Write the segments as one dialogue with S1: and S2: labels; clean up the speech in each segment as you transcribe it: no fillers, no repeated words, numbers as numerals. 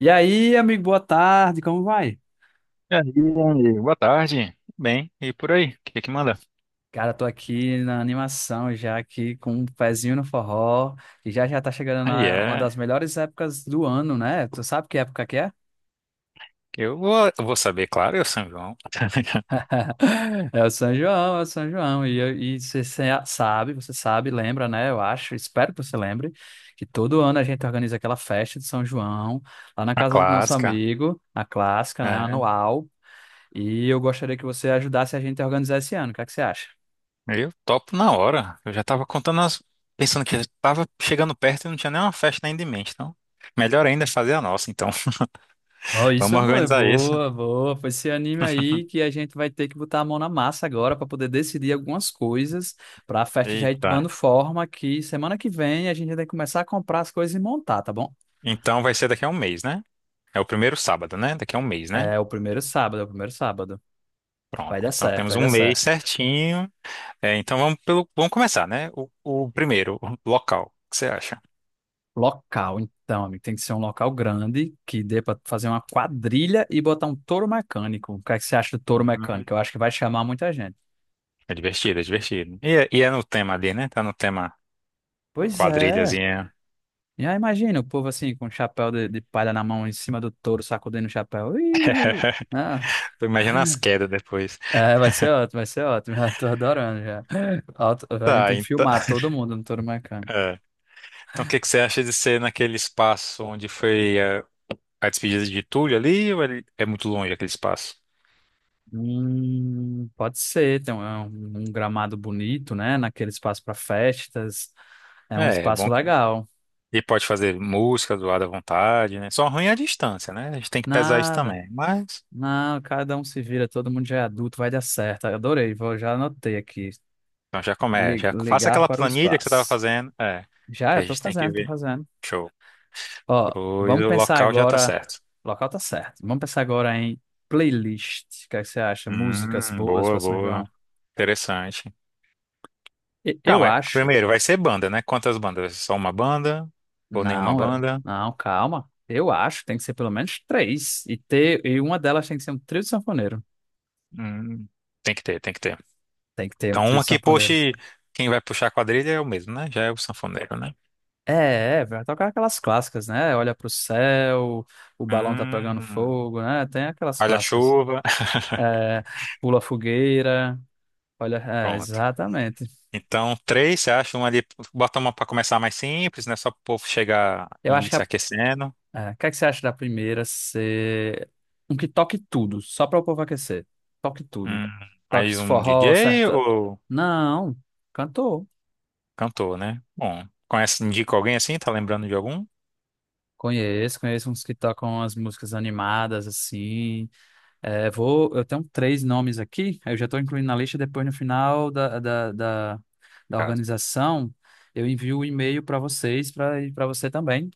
S1: E aí, amigo, boa tarde, como vai?
S2: E aí, Andy? Boa tarde. Tudo bem, e por aí? O que é que manda?
S1: Cara, tô aqui na animação já aqui com um pezinho no forró e já já tá chegando
S2: Aí
S1: na uma
S2: é.
S1: das melhores épocas do ano, né? Tu sabe que época que é?
S2: Eu vou saber, claro, eu São João.
S1: É o São João, é o São João. E você sabe, lembra, né? Eu acho, espero que você lembre, que todo ano a gente organiza aquela festa de São João lá na
S2: A
S1: casa do nosso
S2: clássica.
S1: amigo, a clássica, né?
S2: É,
S1: Anual. E eu gostaria que você ajudasse a gente a organizar esse ano. O que é que você acha?
S2: eu topo na hora. Eu já tava contando as. Pensando que tava chegando perto e não tinha nenhuma festa ainda em mente. Então, melhor ainda é fazer a nossa, então.
S1: Ó, isso,
S2: Vamos
S1: amor, é
S2: organizar isso.
S1: boa, boa. Foi esse anime aí que a gente vai ter que botar a mão na massa agora para poder decidir algumas coisas para a festa já ir
S2: Eita.
S1: tomando forma que semana que vem a gente já tem que começar a comprar as coisas e montar, tá bom?
S2: Então vai ser daqui a um mês, né? É o primeiro sábado, né? Daqui a um mês, né?
S1: É o primeiro sábado, é o primeiro sábado. Vai
S2: Pronto.
S1: dar
S2: Então
S1: certo,
S2: temos
S1: vai dar
S2: um mês
S1: certo.
S2: certinho. É, então vamos pelo. Vamos começar, né? O primeiro, o local. O que você acha?
S1: Local, então, amigo, tem que ser um local grande que dê para fazer uma quadrilha e botar um touro mecânico. O que é que você acha do touro
S2: Uhum.
S1: mecânico? Eu acho que vai chamar muita gente.
S2: É divertido, é divertido. E, e é no tema ali, né? Tá no tema
S1: Pois é,
S2: quadrilhazinha.
S1: e aí imagina o povo assim, com o chapéu de palha na mão, em cima do touro, sacudindo o chapéu. Ih. Ah,
S2: Tô imaginando as quedas depois.
S1: é, vai ser ótimo, vai ser ótimo. Já tô adorando já. A gente
S2: Tá,
S1: tem que
S2: então.
S1: filmar todo mundo no touro mecânico.
S2: É. Então, o que que você acha de ser naquele espaço onde foi a despedida de Túlio ali? Ou é muito longe aquele espaço?
S1: Pode ser, tem um, é um- um gramado bonito, né? Naquele espaço para festas. É um
S2: É, é
S1: espaço
S2: bom. Que...
S1: legal.
S2: E pode fazer música do lado à vontade, né? Só ruim é a distância, né? A gente tem que pesar isso
S1: Nada.
S2: também. Mas.
S1: Não, cada um se vira, todo mundo já é adulto, vai dar certo. Eu adorei, vou, já anotei aqui.
S2: Então, já começa. Já faça
S1: Ligar
S2: aquela
S1: para o
S2: planilha que você tava
S1: espaço.
S2: fazendo. É.
S1: Já,
S2: Que a
S1: eu tô
S2: gente tem que
S1: fazendo, tô
S2: ver.
S1: fazendo.
S2: Show.
S1: Ó,
S2: Pois
S1: vamos
S2: o
S1: pensar
S2: local já tá
S1: agora.
S2: certo.
S1: O local tá certo. Vamos pensar agora em playlist. O que é que você acha? Músicas boas
S2: Boa,
S1: para São
S2: boa.
S1: João?
S2: Interessante.
S1: Eu
S2: Calma,
S1: acho.
S2: primeiro, vai ser banda, né? Quantas bandas? Só uma banda? Ou nenhuma banda?
S1: Não, calma. Eu acho, tem que ser pelo menos três. E, ter, e uma delas tem que ser um trio de sanfoneiro.
S2: Hum, tem que ter, tem que ter.
S1: Tem que ter um
S2: Então,
S1: trio de
S2: uma que
S1: sanfoneiro.
S2: puxe, quem vai puxar a quadrilha é o mesmo, né? Já é o sanfoneiro, né?
S1: É, é, vai tocar aquelas clássicas, né? Olha pro céu, o balão tá pegando
S2: Hum,
S1: fogo, né? Tem aquelas clássicas.
S2: guarda-chuva.
S1: É, pula fogueira. Olha, é,
S2: Pronto.
S1: exatamente.
S2: Então, três, você acha? Uma ali, bota uma pra começar mais simples, né? Só pro povo chegar
S1: Eu
S2: e
S1: acho
S2: ir
S1: que
S2: se
S1: a
S2: aquecendo.
S1: É, o que é que você acha da primeira ser um que toque tudo, só para o povo aquecer? Toque tudo.
S2: Hum,
S1: Toque
S2: aí
S1: esse
S2: um
S1: forró,
S2: DJ
S1: certa.
S2: ou
S1: Não, cantor.
S2: cantor, né? Bom, conhece, indica alguém assim? Tá lembrando de algum?
S1: Conheço, conheço uns que tocam as músicas animadas, assim. É, vou, eu tenho três nomes aqui, eu já estou incluindo na lista, depois no final da organização, eu envio o um e-mail para vocês, para você também,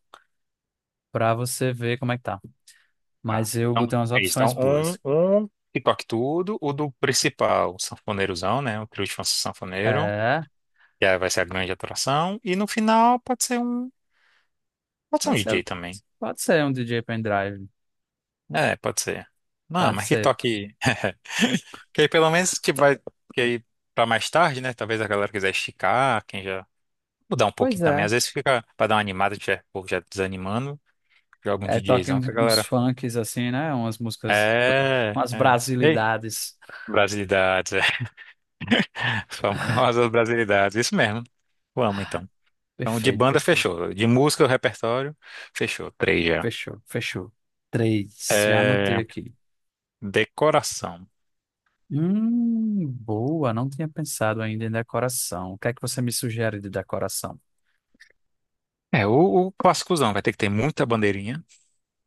S1: para você ver como é que tá.
S2: Tá.
S1: Mas eu
S2: Então,
S1: botei umas
S2: é isso.
S1: opções
S2: Então,
S1: boas.
S2: um que toque tudo, o do principal, o sanfoneirozão, né? O trio de sanfoneiro,
S1: É,
S2: que aí vai ser a grande atração. E no final pode ser um
S1: pode
S2: DJ
S1: ser,
S2: também.
S1: pode ser um DJ pendrive,
S2: É, pode ser. Não,
S1: pode
S2: mas que
S1: ser.
S2: toque. Que aí pelo menos tipo, vai. Que aí pra mais tarde, né? Talvez a galera quiser esticar, quem já. Mudar um
S1: Pois
S2: pouquinho também.
S1: é.
S2: Às vezes fica pra dar uma animada, tiver povo já desanimando, joga um
S1: É, toquem
S2: DJzão
S1: uns,
S2: que a
S1: uns
S2: galera.
S1: funks assim, né?
S2: É,
S1: Umas
S2: é. Ei,
S1: brasilidades.
S2: brasilidades, famosas brasilidades, isso mesmo. Vamos então. Então, de
S1: Perfeito,
S2: banda
S1: perfeito.
S2: fechou. De música, o repertório, fechou. Três já.
S1: Fechou, fechou. Três, já anotei
S2: É,
S1: aqui.
S2: decoração.
S1: Boa, não tinha pensado ainda em decoração. O que é que você me sugere de decoração?
S2: É, o clássicozão vai ter que ter muita bandeirinha,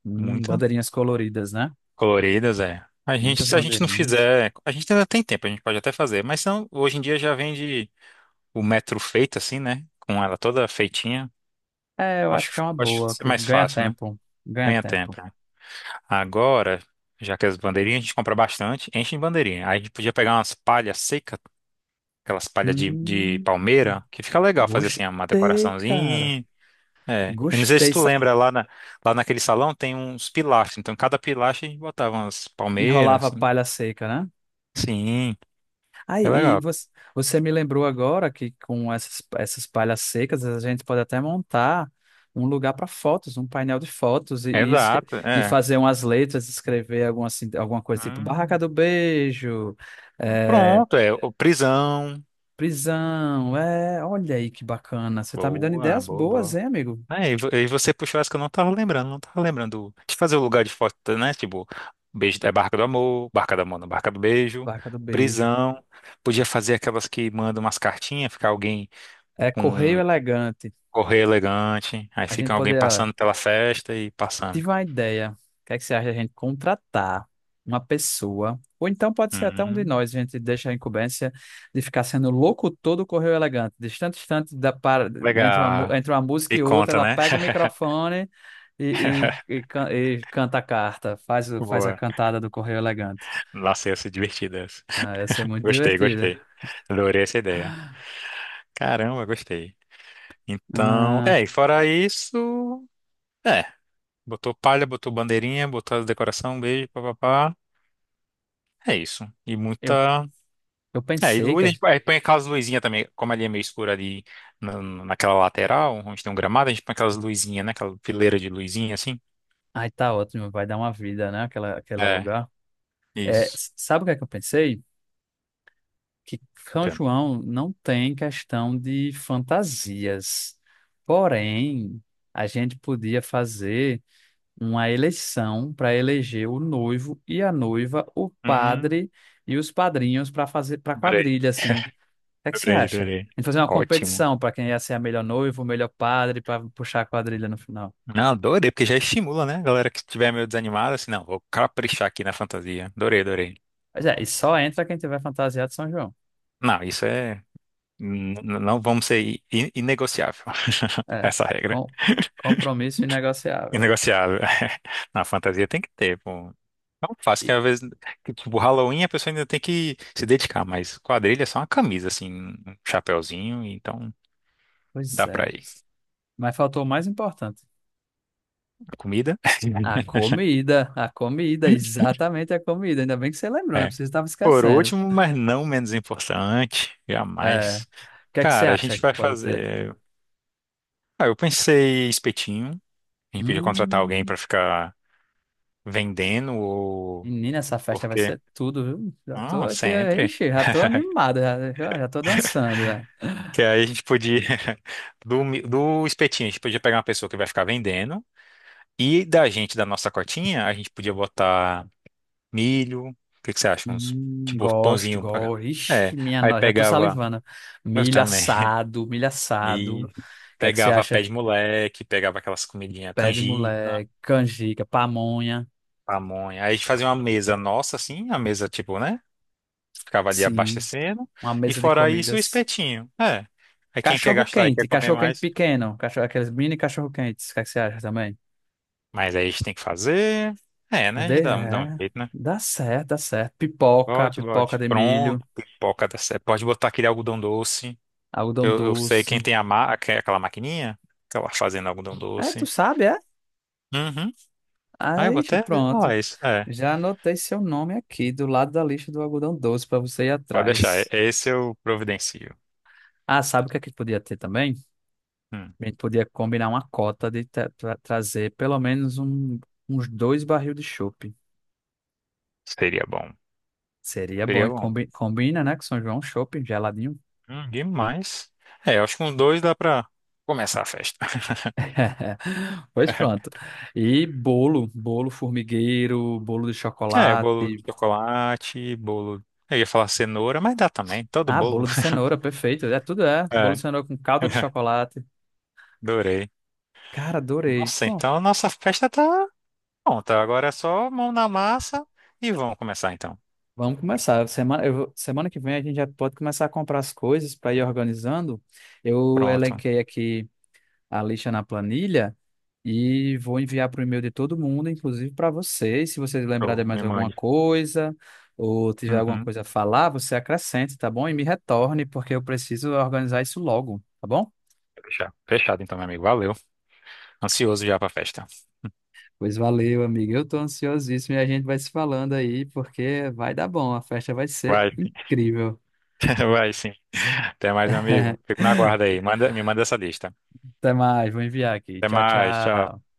S2: muita.
S1: Bandeirinhas coloridas, né?
S2: Coloridas, é. A gente,
S1: Muitas
S2: se a gente não
S1: bandeirinhas.
S2: fizer, a gente ainda tem tempo, a gente pode até fazer, mas são, hoje em dia já vende o metro feito assim, né? Com ela toda feitinha.
S1: É, eu acho que
S2: Acho,
S1: é uma
S2: acho que
S1: boa,
S2: isso é
S1: que
S2: mais
S1: ganha
S2: fácil, né?
S1: tempo, ganha
S2: Ganha
S1: tempo.
S2: tempo. Agora, já que as bandeirinhas a gente compra bastante, enche de bandeirinha. Aí a gente podia pegar umas palhas secas, aquelas palhas de
S1: Hum,
S2: palmeira, que fica legal fazer assim uma
S1: gostei, cara.
S2: decoraçãozinha. É. E não sei se
S1: Gostei.
S2: tu lembra, lá naquele salão tem uns pilastros. Então, cada pilastro a gente botava umas palmeiras
S1: Enrolava
S2: assim.
S1: palha seca, né?
S2: Sim,
S1: Ah,
S2: é legal.
S1: você me lembrou agora que com essas palhas secas a gente pode até montar um lugar para fotos, um painel de fotos e, e, escre-
S2: Exato,
S1: e
S2: é.
S1: fazer umas letras, escrever alguma, assim, alguma coisa tipo Barraca
S2: Hum,
S1: do Beijo, é,
S2: pronto, é. O Prisão.
S1: prisão. É, olha aí que bacana. Você tá me dando
S2: Boa,
S1: ideias
S2: boa,
S1: boas,
S2: boa.
S1: hein, amigo?
S2: É, e você puxou essa que eu não tava lembrando, não tava lembrando de fazer o lugar de foto, né? Tipo, beijo é Barca do Amor, não, Barca do Beijo,
S1: Barraca do Beijo.
S2: prisão. Podia fazer aquelas que mandam umas cartinhas, ficar alguém
S1: É Correio
S2: com
S1: Elegante.
S2: correio elegante, aí
S1: A gente
S2: fica alguém
S1: poder
S2: passando pela festa e passando.
S1: Tive uma ideia. O que é que você acha da gente contratar uma pessoa? Ou então pode ser até um de
S2: Hum,
S1: nós, a gente deixa a incumbência de ficar sendo locutor do Correio Elegante. Distante, distante da para,
S2: legal.
S1: entre uma música
S2: E
S1: e outra,
S2: conta,
S1: ela
S2: né?
S1: pega o microfone e canta a carta, faz, faz a
S2: Boa.
S1: cantada do Correio Elegante.
S2: Nossa, essa é divertida essa.
S1: Ah, ia ser muito
S2: Gostei,
S1: divertida.
S2: gostei. Adorei essa ideia. Caramba, gostei. Então,
S1: Ah,
S2: é, e fora isso. É. Botou palha, botou bandeirinha, botou as decoração, beijo, papapá. É isso. E
S1: eu,
S2: muita.
S1: eu
S2: É, e
S1: pensei
S2: luz,
S1: que.
S2: a gente põe aí põe aquelas luzinhas também, como ali é meio escuro ali naquela lateral, onde tem um gramado, a gente põe aquelas luzinhas, né? Aquela fileira de luzinha assim.
S1: Ai, tá ótimo, vai dar uma vida, né? Aquela, aquele
S2: É,
S1: lugar. É,
S2: isso.
S1: sabe o que é que eu pensei? Que São
S2: Entendo.
S1: João não tem questão de fantasias. Porém, a gente podia fazer uma eleição para eleger o noivo e a noiva, o
S2: Hum,
S1: padre e os padrinhos para fazer para
S2: adorei,
S1: quadrilha assim. O que é que você
S2: adorei,
S1: acha?
S2: adorei.
S1: A gente fazer uma
S2: Ótimo.
S1: competição para quem ia ser a melhor noiva, o melhor padre para puxar a quadrilha no final.
S2: Não, adorei, porque já estimula, né? A galera que estiver meio desanimada, assim, não, vou caprichar aqui na fantasia. Adorei, adorei.
S1: Pois é, e só entra quem tiver fantasiado de São João.
S2: Não, isso é. Não vamos ser inegociável,
S1: É,
S2: essa regra.
S1: com compromisso inegociável.
S2: Inegociável. Na fantasia tem que ter, pô. Não fácil que
S1: E-
S2: às vezes, que, tipo, Halloween a pessoa ainda tem que se dedicar, mas quadrilha é só uma camisa, assim, um chapéuzinho, então
S1: pois
S2: dá pra
S1: é.
S2: ir.
S1: Mas faltou o mais importante.
S2: Comida?
S1: A comida, exatamente a comida. Ainda bem que você lembrou, né?
S2: É.
S1: Porque você estava
S2: Por
S1: esquecendo.
S2: último, mas não menos importante,
S1: É, o
S2: jamais.
S1: que é que você
S2: Cara, a
S1: acha
S2: gente
S1: que
S2: vai
S1: pode ter?
S2: fazer. Ah, eu pensei espetinho. A gente podia contratar alguém
S1: Hum,
S2: pra ficar vendendo ou.
S1: menina, essa festa
S2: Por
S1: vai
S2: quê?
S1: ser tudo, viu? Já tô
S2: Ah,
S1: aqui,
S2: sempre.
S1: ixi, já tô animado, já, já já tô dançando, né?
S2: Que aí a gente podia, do espetinho, a gente podia pegar uma pessoa que vai ficar vendendo. E da gente, da nossa cotinha, a gente podia botar milho. O que que você acha? Uns, tipo,
S1: Gosto,
S2: pãozinho.
S1: gosto. Ixi,
S2: É.
S1: minha
S2: Aí
S1: nossa, já tô
S2: pegava.
S1: salivando.
S2: Eu
S1: Milho
S2: também.
S1: assado, milho assado.
S2: E
S1: O que é que você
S2: pegava pé
S1: acha?
S2: de moleque, pegava aquelas comidinhas
S1: Pé de
S2: canjica,
S1: moleque, canjica, pamonha.
S2: pamonha. Aí a gente fazia uma mesa nossa, assim, a mesa, tipo, né? Ficava ali
S1: Sim,
S2: abastecendo.
S1: uma
S2: E
S1: mesa de
S2: fora isso, o
S1: comidas.
S2: espetinho. É. Aí quem quer gastar e quer comer
S1: Cachorro quente
S2: mais.
S1: pequeno, cachorro, aqueles mini cachorro quentes, o que é que você acha também?
S2: Mas aí a gente tem que fazer. É, né? A
S1: Cadê?
S2: gente dá, dá um
S1: É,
S2: jeito, né?
S1: dá certo, dá certo. Pipoca,
S2: Bote,
S1: pipoca
S2: bote.
S1: de milho,
S2: Pronto, pipoca da Sé. Pode botar aquele algodão doce.
S1: algodão
S2: Eu sei quem
S1: doce.
S2: tem a ma... aquela maquininha, aquela fazendo algodão
S1: Aí tu
S2: doce.
S1: sabe, é?
S2: Uhum. Ah, eu vou
S1: Aí
S2: até. Ó,
S1: pronto.
S2: isso. É.
S1: Já anotei seu nome aqui do lado da lista do algodão doce para você ir
S2: Pode deixar.
S1: atrás.
S2: Esse eu providencio.
S1: Ah, sabe o que é que podia ter também?
S2: Hum,
S1: A gente podia combinar uma cota de trazer pelo menos uns dois barril de chopp.
S2: seria bom.
S1: Seria bom,
S2: Seria
S1: e
S2: bom.
S1: combina, né? Que São João, chopp, geladinho.
S2: Demais. É, eu acho que com dois dá pra começar a festa.
S1: Pois pronto. E bolo, bolo formigueiro, bolo de
S2: É, bolo
S1: chocolate.
S2: de chocolate, bolo. Eu ia falar cenoura, mas dá também, todo
S1: Ah,
S2: bolo.
S1: bolo de cenoura, perfeito. É tudo é. Bolo
S2: É,
S1: de cenoura com calda de chocolate.
S2: adorei.
S1: Cara, adorei.
S2: Nossa,
S1: Bom,
S2: então a nossa festa tá pronta. Agora é só mão na massa e vamos começar então.
S1: vamos começar. Semana que vem a gente já pode começar a comprar as coisas para ir organizando. Eu
S2: Pronto.
S1: elenquei aqui a lista na planilha. E vou enviar para o e-mail de todo mundo, inclusive para vocês. Se vocês lembrarem de
S2: Show,
S1: mais
S2: me
S1: alguma
S2: mande.
S1: coisa ou tiver alguma
S2: Uhum.
S1: coisa a falar, você acrescente, tá bom? E me retorne, porque eu preciso organizar isso logo, tá bom?
S2: Fechado. Fechado então, meu amigo. Valeu. Ansioso já pra festa.
S1: Pois valeu, amigo. Eu tô ansiosíssimo e a gente vai se falando aí, porque vai dar bom. A festa vai ser
S2: Vai,
S1: incrível.
S2: vai sim. Até mais, meu amigo. Fico na guarda aí. Manda, me manda essa lista.
S1: Até mais, vou enviar aqui.
S2: Até
S1: Tchau,
S2: mais. Tchau.
S1: tchau.